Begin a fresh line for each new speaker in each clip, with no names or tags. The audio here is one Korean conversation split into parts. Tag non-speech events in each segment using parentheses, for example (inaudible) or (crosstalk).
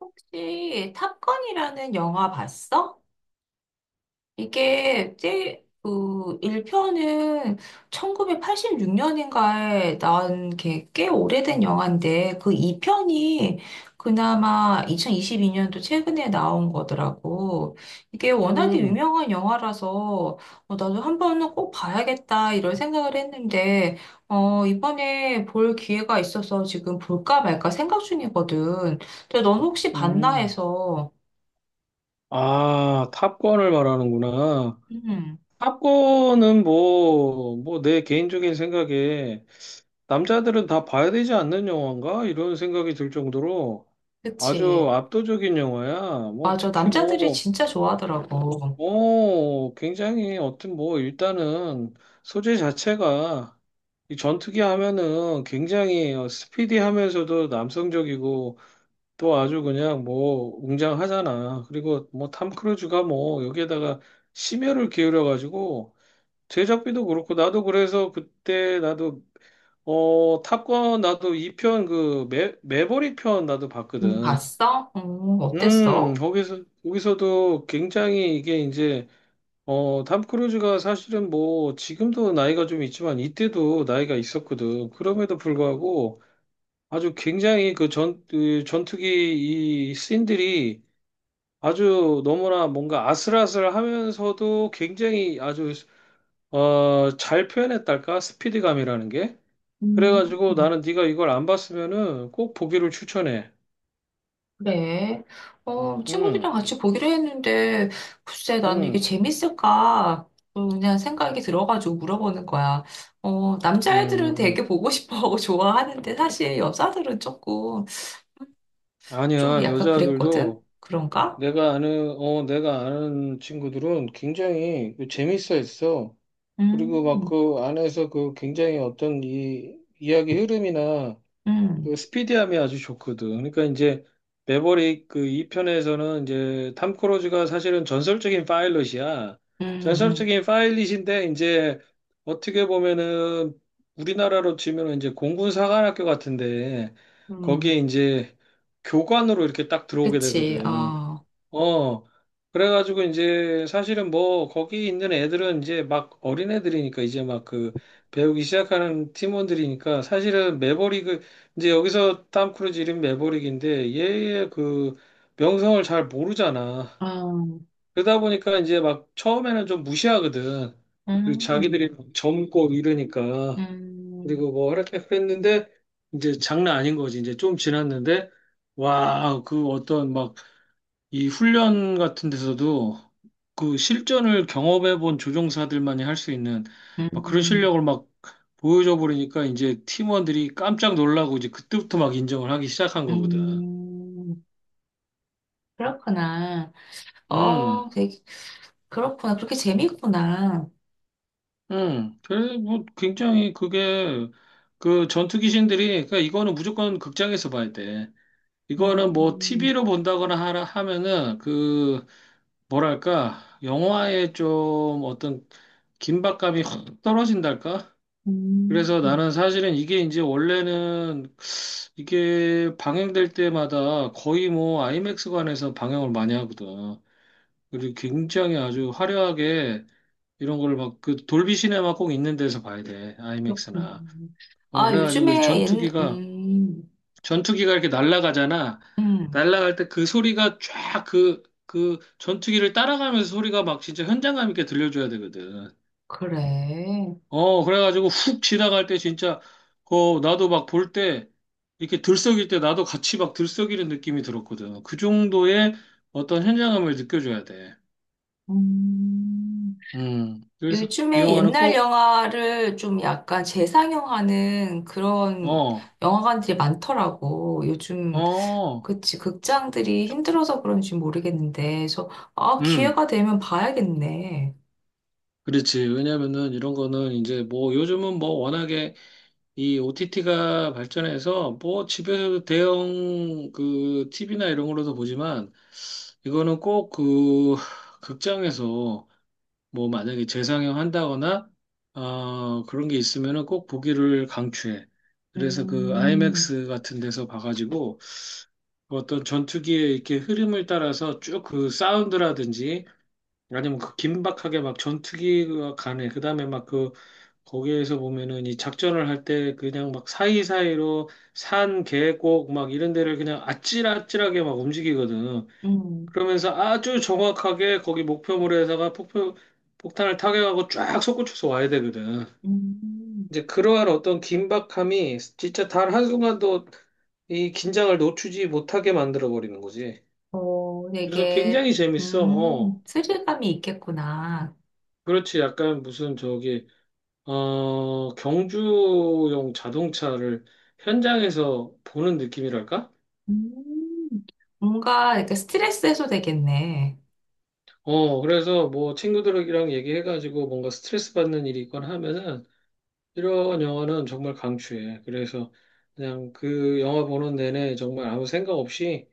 혹시 탑건이라는 영화 봤어? 이게 그 1편은 1986년인가에 나온 게 꽤 오래된 영화인데 그 2편이 그나마 2022년도 최근에 나온 거더라고. 이게 워낙에
음,
유명한 영화라서 나도 한 번은 꼭 봐야겠다 이런 생각을 했는데 이번에 볼 기회가 있어서 지금 볼까 말까 생각 중이거든. 근데 넌 혹시 봤나
음.
해서.
아, 탑건을 말하는구나.
음,
탑건은 뭐 내 개인적인 생각에 남자들은 다 봐야 되지 않는 영화인가? 이런 생각이 들 정도로 아주
그치.
압도적인 영화야. 뭐
맞아.
특히
남자들이
뭐,
진짜 좋아하더라고.
어, 굉장히 어떤 뭐 일단은 소재 자체가 이 전투기 하면은 굉장히 스피디하면서도 남성적이고 또 아주 그냥 뭐 웅장하잖아. 그리고 뭐 탐 크루즈가 뭐 여기에다가 심혈을 기울여 가지고 제작비도 그렇고 나도 그래서 그때 나도 어 탑건 나도 2편 그 매버릭 편 나도 봤거든.
봤어? 어땠어?
거기서도 굉장히 이게 이제 어탐 크루즈가 사실은 뭐 지금도 나이가 좀 있지만 이때도 나이가 있었거든. 그럼에도 불구하고 아주 굉장히 그 전투기 이 씬들이 아주 너무나 뭔가 아슬아슬하면서도 굉장히 아주 어, 잘 표현했달까? 스피드감이라는 게.
음,
그래가지고 나는 네가 이걸 안 봤으면은 꼭 보기를 추천해.
그래.
응,
친구들이랑 같이 보기로 했는데, 글쎄, 나는 이게
응,
재밌을까? 그냥 생각이 들어가지고 물어보는 거야. 남자애들은 되게
음.
보고 싶어하고 (laughs) 좋아하는데, 사실 여자들은 조금, 좀
아니야.
약간 그랬거든?
여자들도
그런가?
내가 아는 친구들은 굉장히 재밌어 했어. 그리고 막
음,
그 안에서 그 굉장히 어떤 이 이야기 흐름이나
음,
그 스피디함이 아주 좋거든. 그러니까 이제 매버릭 그 2편에서는 이제 탐 크루즈가 사실은 전설적인 파일럿이야.
음, 음,
전설적인 파일럿인데 이제 어떻게 보면은 우리나라로 치면은 이제 공군 사관학교 같은데 거기에
음.
이제 교관으로 이렇게 딱 들어오게
그치,
되거든.
어,
어, 그래가지고 이제 사실은 뭐 거기 있는 애들은 이제 막 어린 애들이니까 이제 막 그 배우기 시작하는 팀원들이니까 사실은 매버릭을 이제 여기서 탐 크루즈 이름 매버릭인데 얘의 그 명성을 잘 모르잖아.
음,
그러다 보니까 이제 막 처음에는 좀 무시하거든. 그리고
음.
자기들이 막 젊고 이러니까
음,
그리고 뭐 이렇게 그랬는데 이제 장난 아닌 거지. 이제 좀 지났는데 와, 그 어떤 막 이 훈련 같은 데서도 그 실전을 경험해 본 조종사들만이 할 수 있는 막 그런
음,
실력을 막 보여줘 버리니까 이제 팀원들이 깜짝 놀라고 이제 그때부터 막 인정을 하기 시작한 거거든.
음, 그렇구나. 어,
음,
되게, 그렇구나. 그렇게 재밌구나.
그래, 뭐, 굉장히 그게, 그 전투 귀신들이, 그러니까 이거는 무조건 극장에서 봐야 돼. 이거는 뭐,
음,
TV로 본다거나 하라 하면은, 그, 뭐랄까, 영화에 좀 어떤 긴박감이 확 떨어진달까?
음,
그래서 나는 사실은 이게 이제 원래는 이게 방영될 때마다 거의 뭐 아이맥스관에서 방영을 많이 하거든. 그리고 굉장히 아주 화려하게 이런 걸 막 그 돌비 시네마 꼭 있는 데서 봐야 돼.
그렇구나.
아이맥스나. 어,
아,
그래가지고 이
요즘에 옛,
전투기가, 전투기가 이렇게 날아가잖아.
음,
날아갈 때 그 소리가 쫙 그, 그 전투기를 따라가면서 소리가 막 진짜 현장감 있게 들려줘야 되거든.
그래.
어, 그래가지고 훅 지나갈 때 진짜, 그, 나도 막 볼 때, 이렇게 들썩일 때 나도 같이 막 들썩이는 느낌이 들었거든. 그 정도의 어떤 현장감을 느껴줘야 돼.
음,
그래서 이
요즘에
영화는
옛날
꼭,
영화를 좀 약간 재상영하는 그런
어,
영화관들이 많더라고. 요즘.
어,
그치. 극장들이 힘들어서 그런지 모르겠는데, 저, 아,
음,
기회가 되면 봐야겠네.
그렇지. 왜냐면은 이런 거는 이제 뭐 요즘은 뭐 워낙에 이 OTT가 발전해서 뭐 집에서도 대형 그 TV나 이런 걸로도 보지만 이거는 꼭 그 극장에서 뭐 만약에 재상영 한다거나 어, 그런 게 있으면은 꼭 보기를 강추해. 그래서 그
음,
IMAX 같은 데서 봐가지고 그 어떤 전투기의 이렇게 흐름을 따라서 쭉 그 사운드라든지 아니면 그 긴박하게 막 전투기가 가네. 그다음에 막 그 거기에서 보면은 이 작전을 할 때 그냥 막 사이사이로 산, 계곡 막 이런 데를 그냥 아찔아찔하게 막 움직이거든.
음,
그러면서 아주 정확하게 거기 목표물에다가 폭탄을 타격하고 쫙 솟구쳐서 와야 되거든.
음.
이제 그러한 어떤 긴박함이 진짜 단 한순간도 이 긴장을 놓치지 못하게 만들어 버리는 거지.
어,
그래서
되게,
굉장히 재밌어. 어.
스릴감이 있겠구나.
그렇지. 약간 무슨 저기 어 경주용 자동차를 현장에서 보는 느낌이랄까?
음, 뭔가 이렇게 스트레스 해소 되겠네.
어, 그래서 뭐 친구들이랑 얘기해가지고 뭔가 스트레스 받는 일이 있거나 하면은 이런 영화는 정말 강추해. 그래서 그냥 그 영화 보는 내내 정말 아무 생각 없이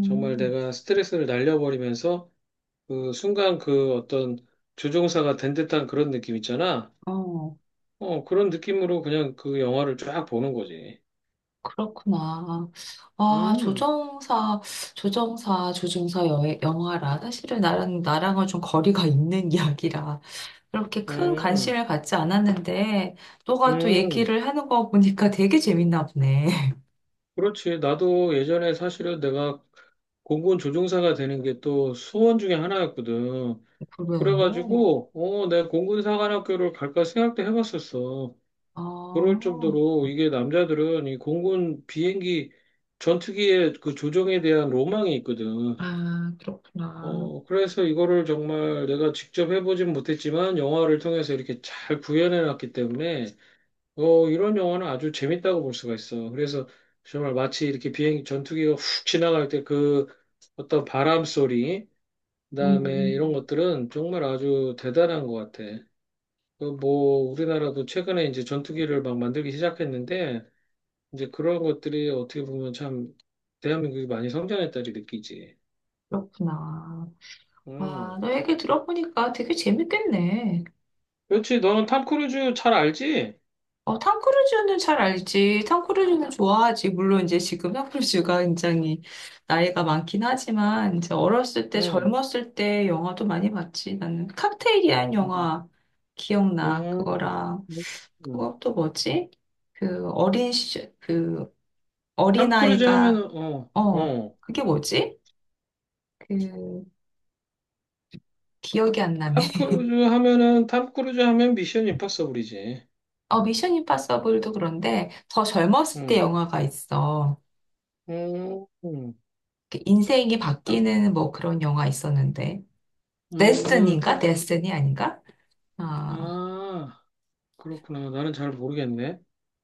정말 내가 스트레스를 날려버리면서 그 순간 그 어떤 조종사가 된 듯한 그런 느낌 있잖아.
어,
어, 그런 느낌으로 그냥 그 영화를 쫙 보는 거지.
그렇구나. 아,
음,
조정사 영화라. 사실은 나랑은 좀 거리가 있는 (laughs) 이야기라. 그렇게 큰
음,
관심을 갖지 않았는데, 너가 또
음.
얘기를 하는 거 보니까 (laughs) 되게 재밌나 보네.
그렇지. 나도 예전에 사실은 내가 공군 조종사가 되는 게 또 소원 중에 하나였거든.
(laughs) 그래.
그래가지고, 어, 내가 공군 사관학교를 갈까 생각도 해봤었어.
아,
그럴 정도로 이게 남자들은 이 공군 비행기 전투기의 그 조종에 대한 로망이 있거든.
아, 그렇구나.
어, 그래서 이거를 정말 내가 직접 해보진 못했지만 영화를 통해서 이렇게 잘 구현해 놨기 때문에 어, 이런 영화는 아주 재밌다고 볼 수가 있어. 그래서 정말 마치 이렇게 비행기 전투기가 훅 지나갈 때 그 어떤 바람 소리, 그다음에 이런
음,
것들은 정말 아주 대단한 것 같아. 그 뭐 우리나라도 최근에 이제 전투기를 막 만들기 시작했는데 이제 그런 것들이 어떻게 보면 참 대한민국이 많이 성장했다리 느끼지.
그렇구나. 와,
음.
너 얘기 들어보니까 되게 재밌겠네.
그렇지. 너는 탐 크루즈 잘 알지?
어, 탐 크루즈는 잘 알지. 탐 크루즈는 좋아하지. 물론 이제 지금 탐 크루즈가 굉장히 나이가 많긴 하지만, 이제 어렸을 때,
응.
젊었을 때 영화도 많이 봤지. 나는 칵테일이란
음.
영화 기억나.
음.
그거랑.
음.
그것도 뭐지? 그 어린 시절, 그
탐 크루즈
어린아이가,
하면은 어,
어,
어.
그게 뭐지? 그, 기억이 안 나네.
탐
(laughs)
크루즈 하면은 탐 크루즈 하면 미션 임파서블이지.
어, 미션 임파서블도 그런데 더 젊었을 때
응.
영화가 있어.
음. 음.
그 인생이
탐
바뀌는 뭐 그런 영화 있었는데. 데스티니인가?
탐 크-
데스티니 아닌가? 아,
아, 그렇구나. 나는 잘 모르겠네.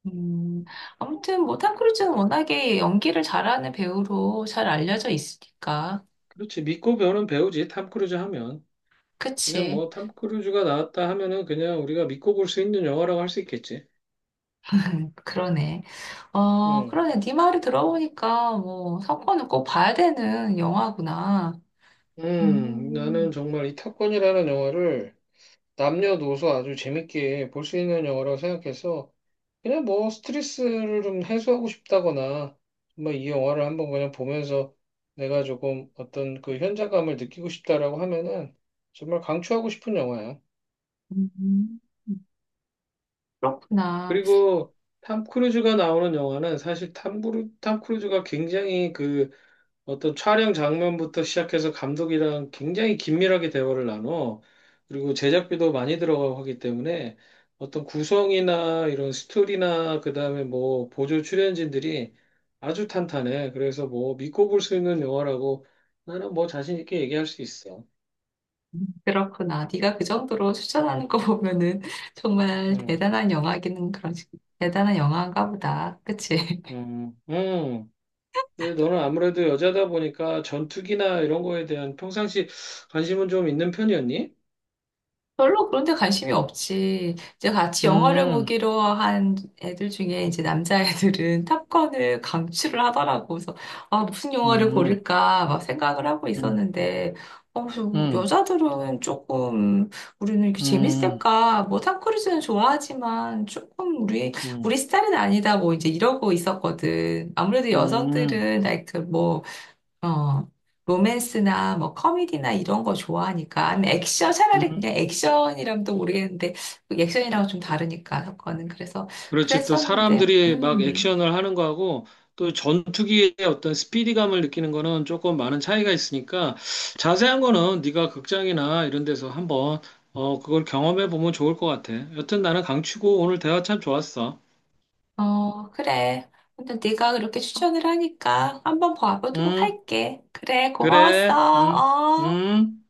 음, 아무튼 뭐 톰 크루즈는 워낙에 연기를 잘하는 배우로 잘 알려져 있으니까.
그렇지. 믿고 배우는 배우지. 탐 크루즈 하면. 그냥
그치.
뭐 탐 크루즈가 나왔다 하면은 그냥 우리가 믿고 볼 수 있는 영화라고 할 수 있겠지.
그러네. 어,
응,
그러네. 네 말을 들어보니까 뭐 사건을 꼭 봐야 되는 영화구나.
나는
음,
정말 이 탑건이라는 영화를 남녀노소 아주 재밌게 볼 수 있는 영화라고 생각해서 그냥 뭐 스트레스를 좀 해소하고 싶다거나 정말 이 영화를 한번 그냥 보면서 내가 조금 어떤 그 현장감을 느끼고 싶다라고 하면은 정말 강추하고 싶은 영화야.
음, 그렇구나.
그리고 탐 크루즈가 나오는 영화는 사실 탐 크루즈가 굉장히 그 어떤 촬영 장면부터 시작해서 감독이랑 굉장히 긴밀하게 대화를 나눠. 그리고 제작비도 많이 들어가고 하기 때문에 어떤 구성이나 이런 스토리나 그다음에 뭐 보조 출연진들이 아주 탄탄해. 그래서 뭐 믿고 볼 수 있는 영화라고 나는 뭐 자신 있게 얘기할 수 있어.
그렇구나. 네가 그 정도로 추천하는 거 보면은 (laughs) 정말
음,
대단한 영화인가 보다. 그치?
음, 음. 근데 너는 아무래도 여자다 보니까 전투기나 이런 거에 대한 평상시 관심은 좀 있는 편이었니?
별로 그런 데 관심이 없지. 이제 같이 영화를
음,
보기로 한 애들 중에 이제 남자애들은 (laughs) 탑건을 강추를 하더라고. 그래서, 아, 무슨 영화를
음,
고를까 막 생각을 하고
음,
있었는데, 어,
음,
여자들은 조금, 우리는 이렇게
음.
재밌을까? 뭐, 탐 크루즈는 좋아하지만, 조금 우리, 우리
음,
스타일은 아니다. 뭐, 이제 이러고 있었거든. 아무래도
음,
여성들은, like, 그 뭐, 어, 로맨스나 뭐 코미디나 이런 거 좋아하니까 아니면 액션 차라리 그냥
음.
액션이라면 또 모르겠는데 액션이랑 좀 다르니까 사건은 그래서
그렇지. 또
그랬었는데.
사람들이 막 액션을 하는 거하고 또 전투기의 어떤 스피디감을 느끼는 거는 조금 많은 차이가 있으니까 자세한 거는 네가 극장이나 이런 데서 한번 어, 그걸 경험해 보면 좋을 것 같아. 여튼 나는 강추고 오늘 대화 참 좋았어.
어, 그래. 근데 네가 그렇게 추천을 하니까 한번 봐보도록
음,
할게. 그래, 고마웠어.
그래.
어.
음.